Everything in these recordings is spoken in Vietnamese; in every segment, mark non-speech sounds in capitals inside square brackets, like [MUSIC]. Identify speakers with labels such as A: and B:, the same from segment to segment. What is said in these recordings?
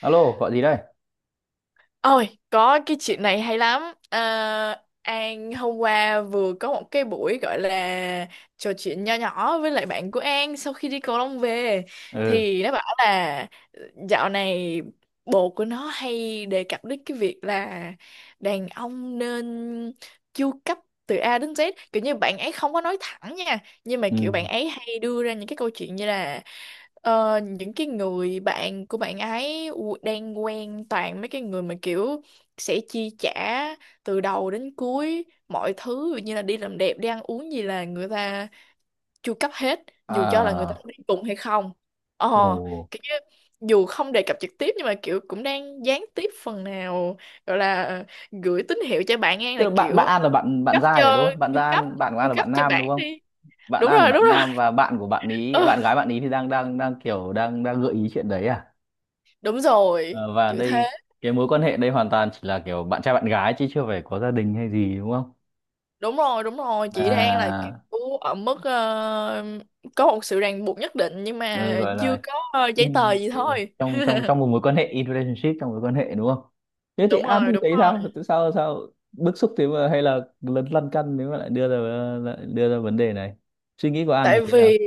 A: Alo, gọi gì đây?
B: Ôi, có cái chuyện này hay lắm. À, An hôm qua vừa có một cái buổi gọi là trò chuyện nho nhỏ với lại bạn của An sau khi đi cầu lông về
A: Ừ.
B: thì nó bảo là dạo này bồ của nó hay đề cập đến cái việc là đàn ông nên chu cấp từ A đến Z, kiểu như bạn ấy không có nói thẳng nha, nhưng mà
A: Ừ.
B: kiểu bạn ấy hay đưa ra những cái câu chuyện như là, những cái người bạn của bạn ấy đang quen toàn mấy cái người mà kiểu sẽ chi trả từ đầu đến cuối mọi thứ, ví dụ như là đi làm đẹp, đi ăn uống gì là người ta chu cấp hết, dù cho là người ta có
A: À,
B: đi cùng hay không. ờ
A: ồ.
B: Kiểu như dù không đề cập trực tiếp nhưng mà kiểu cũng đang gián tiếp phần nào, gọi là gửi tín hiệu cho bạn ngang
A: Tức
B: là
A: là bạn
B: kiểu
A: bạn An là bạn bạn
B: cấp
A: Giai
B: cho
A: rồi đúng không?
B: chu cấp
A: Bạn của An
B: chu
A: là
B: cấp
A: bạn
B: cho
A: nam đúng
B: bạn
A: không?
B: đi.
A: Bạn
B: Đúng
A: An của
B: rồi, đúng
A: bạn
B: rồi.
A: nam và bạn của bạn
B: [LAUGHS]
A: ý,
B: Ừ,
A: bạn gái bạn ý thì đang đang đang kiểu đang đang gợi ý chuyện đấy à?
B: đúng rồi
A: Ờ, và
B: kiểu thế.
A: đây cái mối quan hệ đây hoàn toàn chỉ là kiểu bạn trai bạn gái chứ chưa phải có gia đình hay gì đúng không?
B: Đúng rồi, đúng rồi, chị đang là
A: À,
B: kiểu ở mức có một sự ràng buộc nhất định nhưng mà
A: ừ, gọi
B: chưa
A: là
B: có giấy tờ
A: in
B: gì thôi.
A: trong trong trong một mối quan hệ, in relationship, trong mối quan hệ đúng không? Thế thì
B: Đúng
A: An
B: rồi,
A: thì
B: đúng
A: thấy sao,
B: rồi.
A: tại sao sao bức xúc thế, mà hay là lấn lăn căn nếu mà lại đưa ra vấn đề này, suy nghĩ của An
B: Tại
A: thì thế nào?
B: vì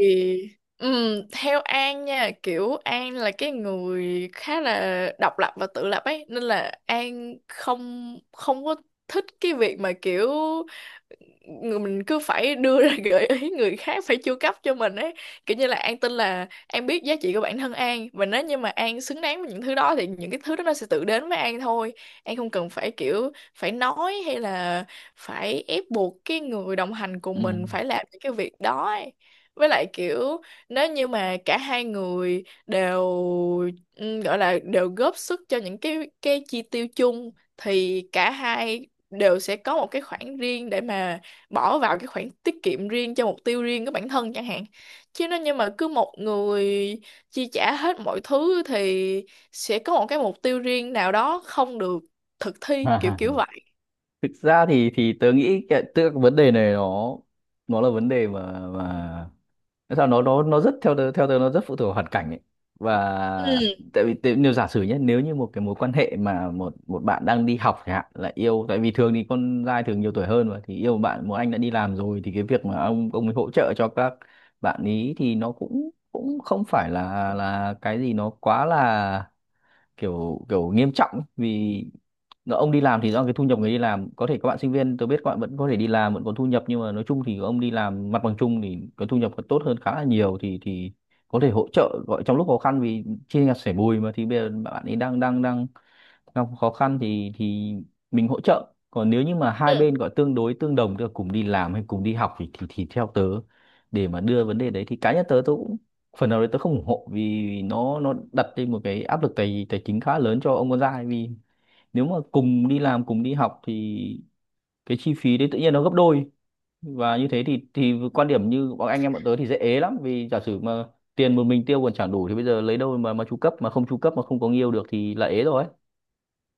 B: theo An nha, kiểu An là cái người khá là độc lập và tự lập ấy, nên là An không không có thích cái việc mà kiểu người mình cứ phải đưa ra [LAUGHS] gợi ý người khác phải chu cấp cho mình ấy. Kiểu như là An tin là An biết giá trị của bản thân An, và nếu như mà An xứng đáng với những thứ đó thì những cái thứ đó nó sẽ tự đến với An thôi. An không cần phải kiểu phải nói hay là phải ép buộc cái người đồng hành
A: Ừ.
B: cùng mình phải làm những cái việc đó ấy. Với lại kiểu nếu như mà cả hai người đều gọi là đều góp sức cho những cái chi tiêu chung thì cả hai đều sẽ có một cái khoản riêng để mà bỏ vào cái khoản tiết kiệm riêng cho mục tiêu riêng của bản thân chẳng hạn, chứ nếu như mà cứ một người chi trả hết mọi thứ thì sẽ có một cái mục tiêu riêng nào đó không được thực thi, kiểu
A: [LAUGHS]
B: kiểu vậy.
A: Thực ra thì tớ nghĩ cái, tức là cái vấn đề này nó là vấn đề mà. Thế sao nó rất, theo tớ, nó rất phụ thuộc vào hoàn cảnh ấy. Và
B: Ừ,
A: nếu giả sử nhé, nếu như một cái mối quan hệ mà một một bạn đang đi học chẳng hạn là yêu, tại vì thường thì con trai thường nhiều tuổi hơn mà, thì yêu một bạn, một anh đã đi làm rồi, thì cái việc mà ông ấy hỗ trợ cho các bạn ý thì nó cũng cũng không phải là cái gì nó quá là kiểu kiểu nghiêm trọng, vì ông đi làm thì do cái thu nhập, người đi làm có thể, các bạn sinh viên tôi biết các bạn vẫn có thể đi làm vẫn có thu nhập, nhưng mà nói chung thì ông đi làm, mặt bằng chung thì cái thu nhập còn tốt hơn khá là nhiều, thì có thể hỗ trợ, gọi trong lúc khó khăn vì chia nhà sẻ bùi mà, thì bây giờ bạn ấy đang đang đang gặp khó khăn thì mình hỗ trợ. Còn nếu như mà
B: ừ.
A: hai bên gọi tương đối tương đồng, tức là cùng đi làm hay cùng đi học, thì theo tớ, để mà đưa vấn đề đấy thì cá nhân tớ tớ cũng phần nào đấy tớ không ủng hộ, vì nó đặt lên một cái áp lực tài tài chính khá lớn cho ông con trai, vì nếu mà cùng đi làm cùng đi học thì cái chi phí đấy tự nhiên nó gấp đôi. Và như thế thì quan điểm như bọn anh em bọn tớ thì dễ ế lắm, vì giả sử mà tiền một mình tiêu còn chẳng đủ thì bây giờ lấy đâu mà chu cấp, mà không chu cấp mà không có người yêu được thì là ế rồi.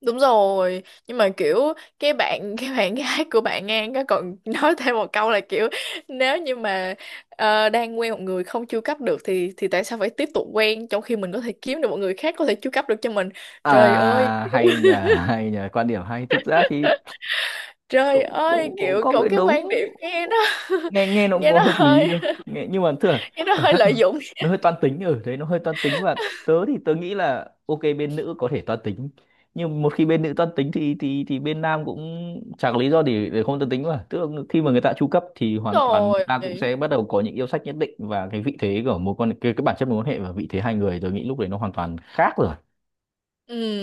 B: Đúng rồi, nhưng mà kiểu cái bạn [LAUGHS] cái bạn gái của bạn An có còn nói thêm một câu là kiểu nếu như mà đang quen một người không chu cấp được thì tại sao phải tiếp tục quen, trong khi mình có thể kiếm được một người khác có thể chu cấp được cho mình. Trời ơi.
A: À hay nhờ, [LAUGHS] hay nhờ quan điểm hay, thực ra thì
B: Trời
A: cũng
B: ơi,
A: cũng, cũng
B: kiểu
A: có
B: cậu
A: cái
B: cái quan
A: đúng,
B: điểm nghe nó [LAUGHS]
A: nghe nghe nó cũng
B: nghe
A: có
B: nó
A: hợp lý
B: hơi
A: đâu, nghe nhưng mà thường
B: nghe nó
A: cảm
B: hơi
A: giác
B: lợi
A: nó
B: dụng
A: hơi toan tính ở đấy, nó hơi toan tính, và tớ thì tớ nghĩ là ok, bên nữ có thể toan tính, nhưng một khi bên nữ toan tính thì bên nam cũng chẳng có lý do để không toan tính mà, tức là khi mà người ta chu cấp thì hoàn toàn người
B: rồi.
A: ta cũng sẽ bắt đầu có những yêu sách nhất định, và cái vị thế của mối quan cái bản chất mối quan hệ và vị thế hai người, tớ nghĩ lúc đấy nó hoàn toàn khác rồi.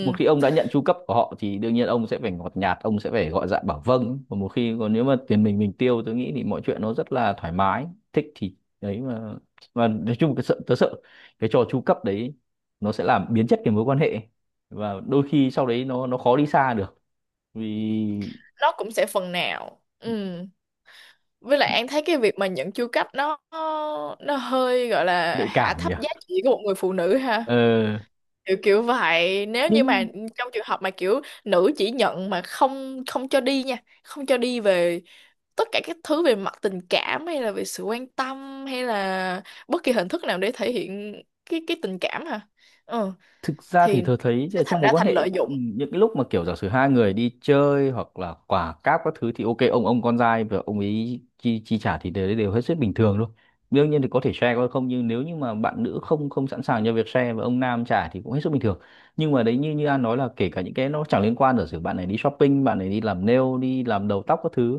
A: Một khi ông đã nhận tru cấp của họ thì đương nhiên ông sẽ phải ngọt nhạt, ông sẽ phải gọi dạ bảo vâng, và một khi, còn nếu mà tiền mình tiêu tôi nghĩ thì mọi chuyện nó rất là thoải mái, thích thì đấy mà. Mà nói chung cái tớ sợ cái trò tru cấp đấy, nó sẽ làm biến chất cái mối quan hệ, và đôi khi sau đấy nó khó đi xa được, vì
B: nó cũng sẽ phần nào. Ừ. Với lại An thấy cái việc mà nhận chu cấp nó hơi gọi là
A: nhạy
B: hạ
A: cảm
B: thấp
A: nhỉ.
B: giá trị của một người phụ nữ ha.
A: Ờ,
B: Kiểu kiểu vậy, nếu như mà
A: nhưng
B: trong trường hợp mà kiểu nữ chỉ nhận mà không không cho đi nha, không cho đi về tất cả các thứ về mặt tình cảm hay là về sự quan tâm hay là bất kỳ hình thức nào để thể hiện cái tình cảm hả. ừ,
A: thực ra thì
B: thì
A: tôi thấy
B: sẽ
A: là
B: thành
A: trong
B: ra
A: mối quan
B: thành
A: hệ,
B: lợi dụng.
A: ừ, những cái lúc mà kiểu giả sử hai người đi chơi hoặc là quả cáp các thứ thì ok, ông con trai và ông ấy chi chi trả thì đều đều hết sức bình thường thôi, đương nhiên thì có thể share có không, nhưng nếu như mà bạn nữ không không sẵn sàng cho việc share và ông nam trả thì cũng hết sức bình thường. Nhưng mà đấy, như như An nói là kể cả những cái nó chẳng liên quan, giả sử bạn này đi shopping, bạn này đi làm nail, đi làm đầu tóc các thứ,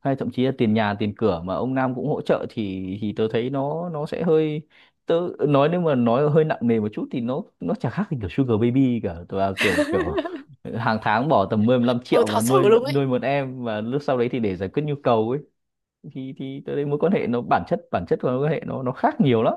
A: hay thậm chí là tiền nhà tiền cửa mà ông Nam cũng hỗ trợ thì tớ thấy nó sẽ hơi, tớ nói nếu mà nói hơi nặng nề một chút thì nó chả khác gì kiểu Sugar Baby cả, tớ là kiểu kiểu hàng tháng bỏ tầm 10 15
B: Ừ,
A: triệu và
B: thật sự
A: nuôi
B: luôn
A: nuôi
B: ấy.
A: một em, và lúc sau đấy thì để giải quyết nhu cầu ấy, thì tớ thấy mối quan hệ, nó bản chất của mối quan hệ nó khác nhiều lắm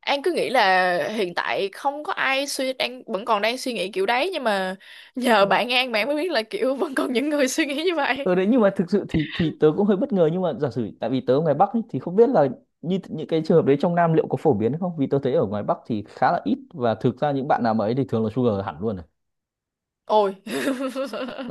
B: An cứ nghĩ là hiện tại không có ai suy đang vẫn còn đang suy nghĩ kiểu đấy, nhưng mà nhờ bạn An bạn mới biết là kiểu vẫn còn những người suy nghĩ như vậy.
A: ở đấy. Nhưng mà thực sự thì tớ cũng hơi bất ngờ, nhưng mà giả sử, tại vì tớ ở ngoài Bắc ấy, thì không biết là như những cái trường hợp đấy trong Nam liệu có phổ biến hay không, vì tớ thấy ở ngoài Bắc thì khá là ít, và thực ra những bạn nào mà ấy thì thường là sugar hẳn luôn.
B: Ôi.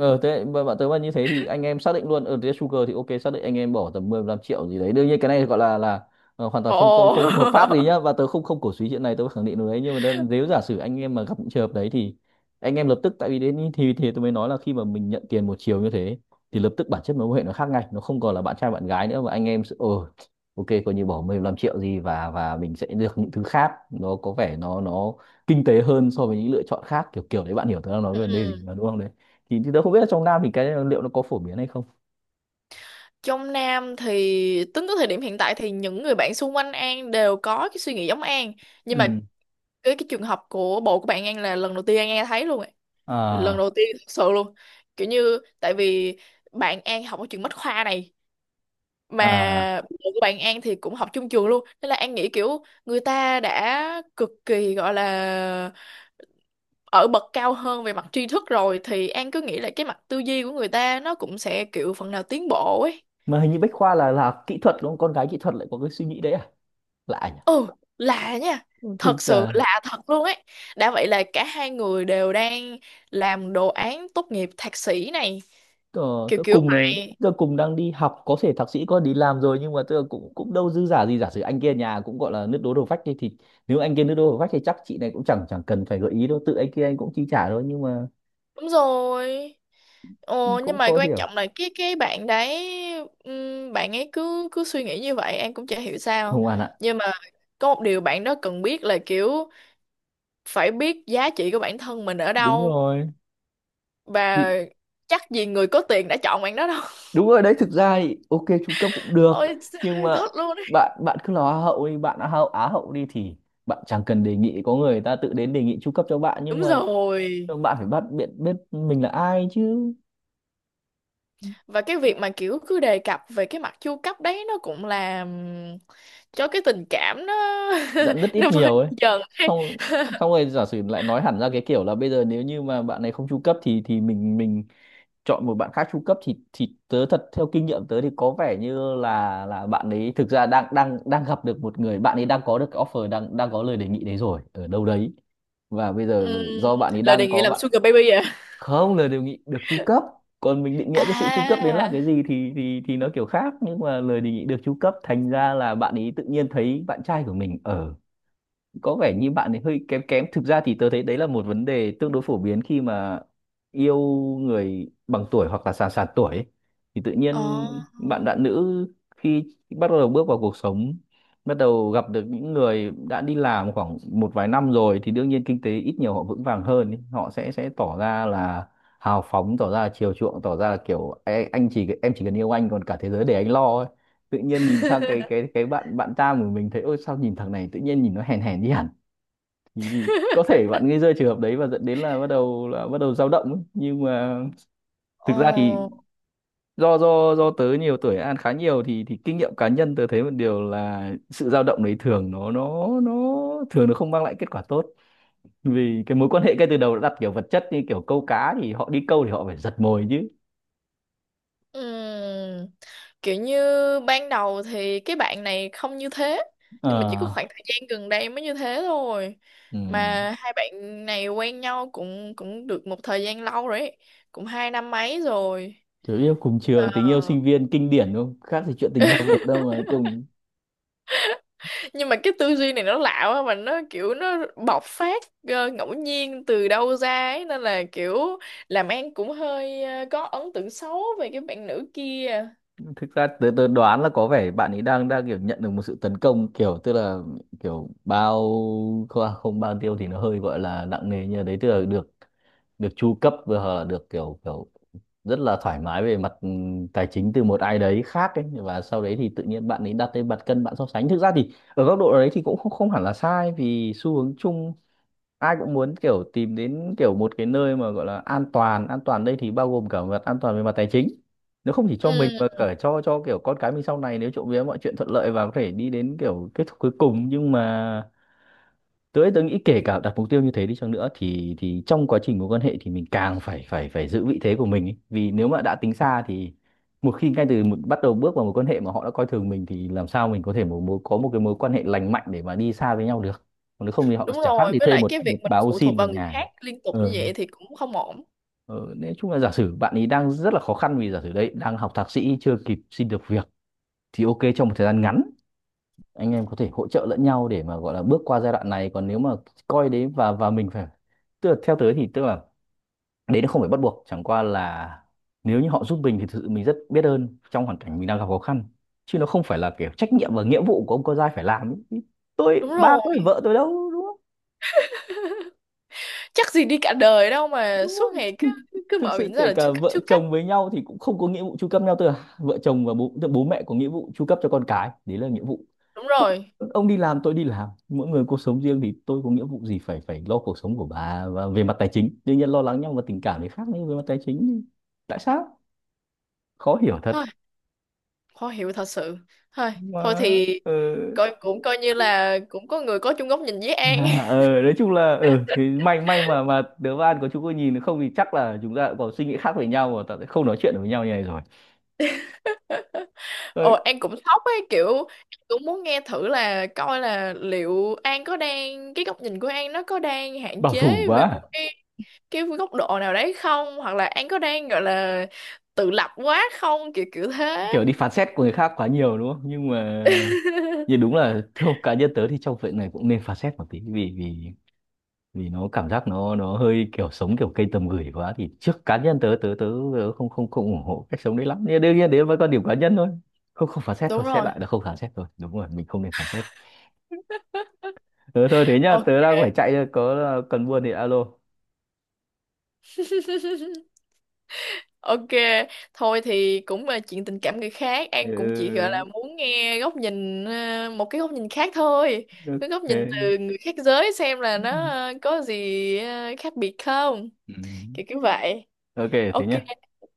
A: Ờ, thế mà bạn tớ mà như thế thì anh em xác định luôn ở thế, Sugar thì ok, xác định anh em bỏ tầm 10 15 triệu gì đấy, đương nhiên cái này gọi là, ờ, hoàn toàn
B: Ồ.
A: không không không hợp pháp gì nhá, và tớ không không cổ suý chuyện này, tớ khẳng định điều đấy, nhưng mà nếu giả sử anh em mà gặp những trường hợp đấy, thì anh em lập tức, tại vì đến thì tôi mới nói là khi mà mình nhận tiền một chiều như thế thì lập tức bản chất mối quan hệ nó khác ngay, nó không còn là bạn trai bạn gái nữa, mà anh em sẽ, ờ, ok, coi như bỏ 15 triệu gì và mình sẽ được những thứ khác, nó có vẻ nó kinh tế hơn so với những lựa chọn khác kiểu kiểu đấy, bạn hiểu tớ đang nói về
B: Ừ.
A: vấn đề gì
B: Ừ.
A: mà đúng không? Thì, tớ không biết là trong Nam thì cái liệu nó có phổ biến hay không.
B: Trong Nam thì tính tới thời điểm hiện tại thì những người bạn xung quanh An đều có cái suy nghĩ giống An, nhưng mà
A: Ừ.
B: cái trường hợp của bộ của bạn An là lần đầu tiên An nghe thấy luôn ấy. Lần đầu
A: À.
B: tiên thật sự luôn, kiểu như tại vì bạn An học ở trường Bách Khoa này,
A: À.
B: mà bộ của bạn An thì cũng học chung trường luôn, nên là An nghĩ kiểu người ta đã cực kỳ gọi là ở bậc cao hơn về mặt tri thức rồi thì An cứ nghĩ là cái mặt tư duy của người ta nó cũng sẽ kiểu phần nào tiến bộ ấy.
A: Mà hình như Bách Khoa là kỹ thuật đúng không, con gái kỹ thuật lại có cái suy nghĩ đấy à? Lạ nhỉ.
B: Ừ, lạ nha.
A: Ừ, thực
B: Thật sự
A: ra
B: lạ thật luôn ấy. Đã vậy là cả hai người đều đang làm đồ án tốt nghiệp thạc sĩ này.
A: tôi
B: Kiểu
A: tớ
B: kiểu
A: cùng là
B: vậy.
A: tôi cùng đang đi học có thể thạc sĩ có đi làm rồi, nhưng mà tôi cũng cũng đâu dư giả gì, giả sử anh kia nhà cũng gọi là nước đố đầu vách đi thì, nếu anh kia nước đố đầu vách thì chắc chị này cũng chẳng chẳng cần phải gợi ý đâu, tự anh kia anh cũng chi trả thôi, nhưng mà
B: Đúng rồi. Ồ,
A: cũng
B: nhưng mà
A: khó
B: quan
A: hiểu,
B: trọng là cái bạn đấy bạn ấy cứ cứ suy nghĩ như vậy, em cũng chả hiểu sao.
A: không bạn ạ.
B: Nhưng mà có một điều bạn đó cần biết là kiểu phải biết giá trị của bản thân mình ở
A: Đúng
B: đâu,
A: rồi. Bị-
B: và chắc gì người có tiền đã chọn bạn đó đâu.
A: Đúng rồi đấy, thực ra thì ok, trung cấp cũng
B: [LAUGHS]
A: được,
B: Ôi,
A: nhưng mà
B: thất luôn ấy.
A: bạn bạn cứ là Hoa hậu đi, bạn là Hoa hậu Á hậu đi thì bạn chẳng cần đề nghị, có người ta tự đến đề nghị trung cấp cho bạn,
B: Đúng rồi.
A: nhưng mà bạn phải bắt biết biết mình là ai chứ.
B: Và cái việc mà kiểu cứ đề cập về cái mặt chu cấp đấy nó cũng làm cho cái tình cảm nó [LAUGHS]
A: Dặn rất ít
B: nó vơi
A: nhiều ấy,
B: đi dần ấy.
A: xong, xong rồi giả sử lại nói hẳn ra cái kiểu là bây giờ nếu như mà bạn này không trung cấp thì mình chọn một bạn khác trung cấp, thì tớ thật theo kinh nghiệm tớ thì có vẻ như là bạn ấy thực ra đang đang đang gặp được một người, bạn ấy đang có được cái offer, đang đang có lời đề nghị đấy rồi ở đâu đấy, và bây giờ
B: Ừm,
A: do bạn ấy
B: Lời đề
A: đang
B: nghị
A: có
B: làm
A: bạn,
B: sugar baby à?
A: không, lời đề nghị được trung cấp. Còn mình định nghĩa cái sự trung cấp đến là
B: À.
A: cái gì thì nó kiểu khác, nhưng mà lời đề nghị được trung cấp thành ra là bạn ấy tự nhiên thấy bạn trai của mình ở, có vẻ như bạn ấy hơi kém kém. Thực ra thì tớ thấy đấy là một vấn đề tương đối phổ biến khi mà yêu người bằng tuổi hoặc là sàn sàn tuổi ấy. Thì tự
B: Ồ.
A: nhiên bạn bạn nữ khi bắt đầu bước vào cuộc sống, bắt đầu gặp được những người đã đi làm khoảng một vài năm rồi thì đương nhiên kinh tế ít nhiều họ vững vàng hơn ấy. Họ sẽ tỏ ra là hào phóng, tỏ ra là chiều chuộng, tỏ ra là kiểu "Ê, anh chỉ em chỉ cần yêu anh còn cả thế giới để anh lo ấy". Tự nhiên nhìn sang cái cái
B: [LAUGHS]
A: cái bạn bạn ta của mình thấy ôi sao nhìn thằng này tự nhiên nhìn nó hèn hèn đi hẳn. Thì có thể bạn gây ra trường hợp đấy và dẫn đến là bắt đầu dao động ấy. Nhưng mà
B: Ồ.
A: thực ra thì do tớ nhiều tuổi ăn khá nhiều thì kinh nghiệm cá nhân tớ thấy một điều là sự dao động đấy thường nó không mang lại kết quả tốt, vì cái mối quan hệ ngay từ đầu đã đặt kiểu vật chất, như kiểu câu cá thì họ đi câu thì họ phải giật mồi chứ.
B: Ừm, Kiểu như ban đầu thì cái bạn này không như thế, nhưng mà chỉ có khoảng
A: Ờ,
B: thời gian gần đây mới như thế thôi.
A: ừ.
B: Mà hai bạn này quen nhau cũng cũng được một thời gian lâu rồi ấy. Cũng 2 năm mấy rồi.
A: Tớ yêu cùng trường, tình yêu
B: Ờ.
A: sinh viên kinh điển đúng không, khác gì chuyện tình học thuật đâu mà cùng.
B: Nhưng mà cái tư duy này nó lạ quá, mà nó kiểu nó bộc phát ngẫu nhiên từ đâu ra ấy, nên là kiểu làm An cũng hơi có ấn tượng xấu về cái bạn nữ kia.
A: Thực ra tớ đoán là có vẻ bạn ấy đang đang kiểu nhận được một sự tấn công, kiểu tức là kiểu bao, không, à, không bao tiêu thì nó hơi gọi là nặng nề như đấy, tức là được được chu cấp và hoặc là được kiểu kiểu rất là thoải mái về mặt tài chính từ một ai đấy khác ấy, và sau đấy thì tự nhiên bạn ấy đặt lên mặt cân bạn so sánh. Thực ra thì ở góc độ đấy thì cũng không hẳn là sai, vì xu hướng chung ai cũng muốn kiểu tìm đến kiểu một cái nơi mà gọi là an toàn, an toàn đây thì bao gồm cả mặt an toàn về mặt tài chính, nếu không chỉ cho mình
B: Ừ,
A: mà cả cho kiểu con cái mình sau này nếu trộm vía mọi chuyện thuận lợi và có thể đi đến kiểu kết thúc cuối cùng. Nhưng mà tớ nghĩ kể cả đặt mục tiêu như thế đi chăng nữa thì trong quá trình mối quan hệ thì mình càng phải phải phải giữ vị thế của mình ấy. Vì nếu mà đã tính xa thì một khi ngay từ bắt đầu bước vào mối quan hệ mà họ đã coi thường mình thì làm sao mình có thể một, mối có một cái mối quan hệ lành mạnh để mà đi xa với nhau được. Còn nếu không thì họ
B: đúng
A: chẳng khác
B: rồi,
A: đi
B: với
A: thuê
B: lại
A: một
B: cái
A: một
B: việc mình
A: bà ô
B: phụ thuộc
A: sin về
B: vào người
A: nhà.
B: khác liên tục như
A: ờ,
B: vậy thì cũng không ổn.
A: ờ, nói chung là giả sử bạn ấy đang rất là khó khăn, vì giả sử đấy đang học thạc sĩ chưa kịp xin được việc thì ok, trong một thời gian ngắn anh em có thể hỗ trợ lẫn nhau để mà gọi là bước qua giai đoạn này. Còn nếu mà coi đấy, và mình phải, tức là theo tới thì tức là đấy nó không phải bắt buộc, chẳng qua là nếu như họ giúp mình thì thực sự mình rất biết ơn trong hoàn cảnh mình đang gặp khó khăn, chứ nó không phải là kiểu trách nhiệm và nghĩa vụ của ông con trai phải làm ấy. Tôi
B: Đúng
A: ba
B: rồi,
A: có phải vợ tôi đâu đúng không?
B: chắc gì đi cả đời đâu mà
A: Đúng
B: suốt
A: không?
B: ngày
A: Thì
B: cứ cứ
A: thực
B: mở
A: sự
B: miệng ra
A: kể
B: là
A: cả
B: chưa cắt,
A: vợ
B: chưa cắt.
A: chồng với nhau thì cũng không có nghĩa vụ chu cấp nhau, tức là vợ chồng và bố, tức là bố mẹ có nghĩa vụ chu cấp cho con cái, đấy là nghĩa vụ.
B: Đúng
A: Có-
B: rồi,
A: ông đi làm tôi đi làm, mỗi người cuộc sống riêng thì tôi có nghĩa vụ gì phải phải lo cuộc sống của bà. Và về mặt tài chính đương nhiên lo lắng nhau và tình cảm thì khác, nhưng về mặt tài chính thì tại sao, khó hiểu thật
B: hơi khó hiểu thật sự. Thôi thôi
A: mà.
B: thì
A: ờ
B: cũng coi như là cũng có người có chung góc nhìn với
A: [LAUGHS]
B: An.
A: nói chung là thì may mà đứa bạn của chúng tôi nhìn không thì chắc là chúng ta cũng có suy nghĩ khác với nhau và ta sẽ không nói chuyện được với nhau như này rồi.
B: Ồ,
A: Đấy,
B: An cũng sốc ấy, kiểu An cũng muốn nghe thử là coi là liệu An có đang cái góc nhìn của An nó có đang hạn
A: bảo thủ
B: chế
A: quá
B: về một
A: à.
B: cái góc độ nào đấy không, hoặc là An có đang gọi là tự lập quá không, kiểu kiểu thế.
A: Kiểu đi phán xét của người khác quá nhiều đúng không, nhưng mà nhưng đúng là theo cá nhân tớ thì trong chuyện này cũng nên phán xét một tí, vì vì vì nó cảm giác nó hơi kiểu sống kiểu cây tầm gửi quá thì trước cá nhân tớ không không không ủng hộ cách sống đấy lắm, nhưng đương nhiên đấy với quan điểm cá nhân thôi. Không không phán xét thôi,
B: Đúng
A: xét
B: rồi.
A: lại là không phán xét thôi, đúng rồi mình không nên phán xét. Ừ, thôi thế nhá,
B: Ồ.
A: tớ đang phải chạy rồi, có cần buôn thì alo.
B: [LAUGHS] Ok. Thôi thì cũng là chuyện tình cảm người khác, An cũng chỉ gọi là
A: Ừ,
B: muốn nghe góc nhìn, một cái góc nhìn khác thôi. Cái góc nhìn
A: ok.
B: từ người khác giới xem là nó có gì khác biệt không,
A: Ừ.
B: kiểu kiểu vậy.
A: Ok thế
B: Ok.
A: nhá.
B: Ok.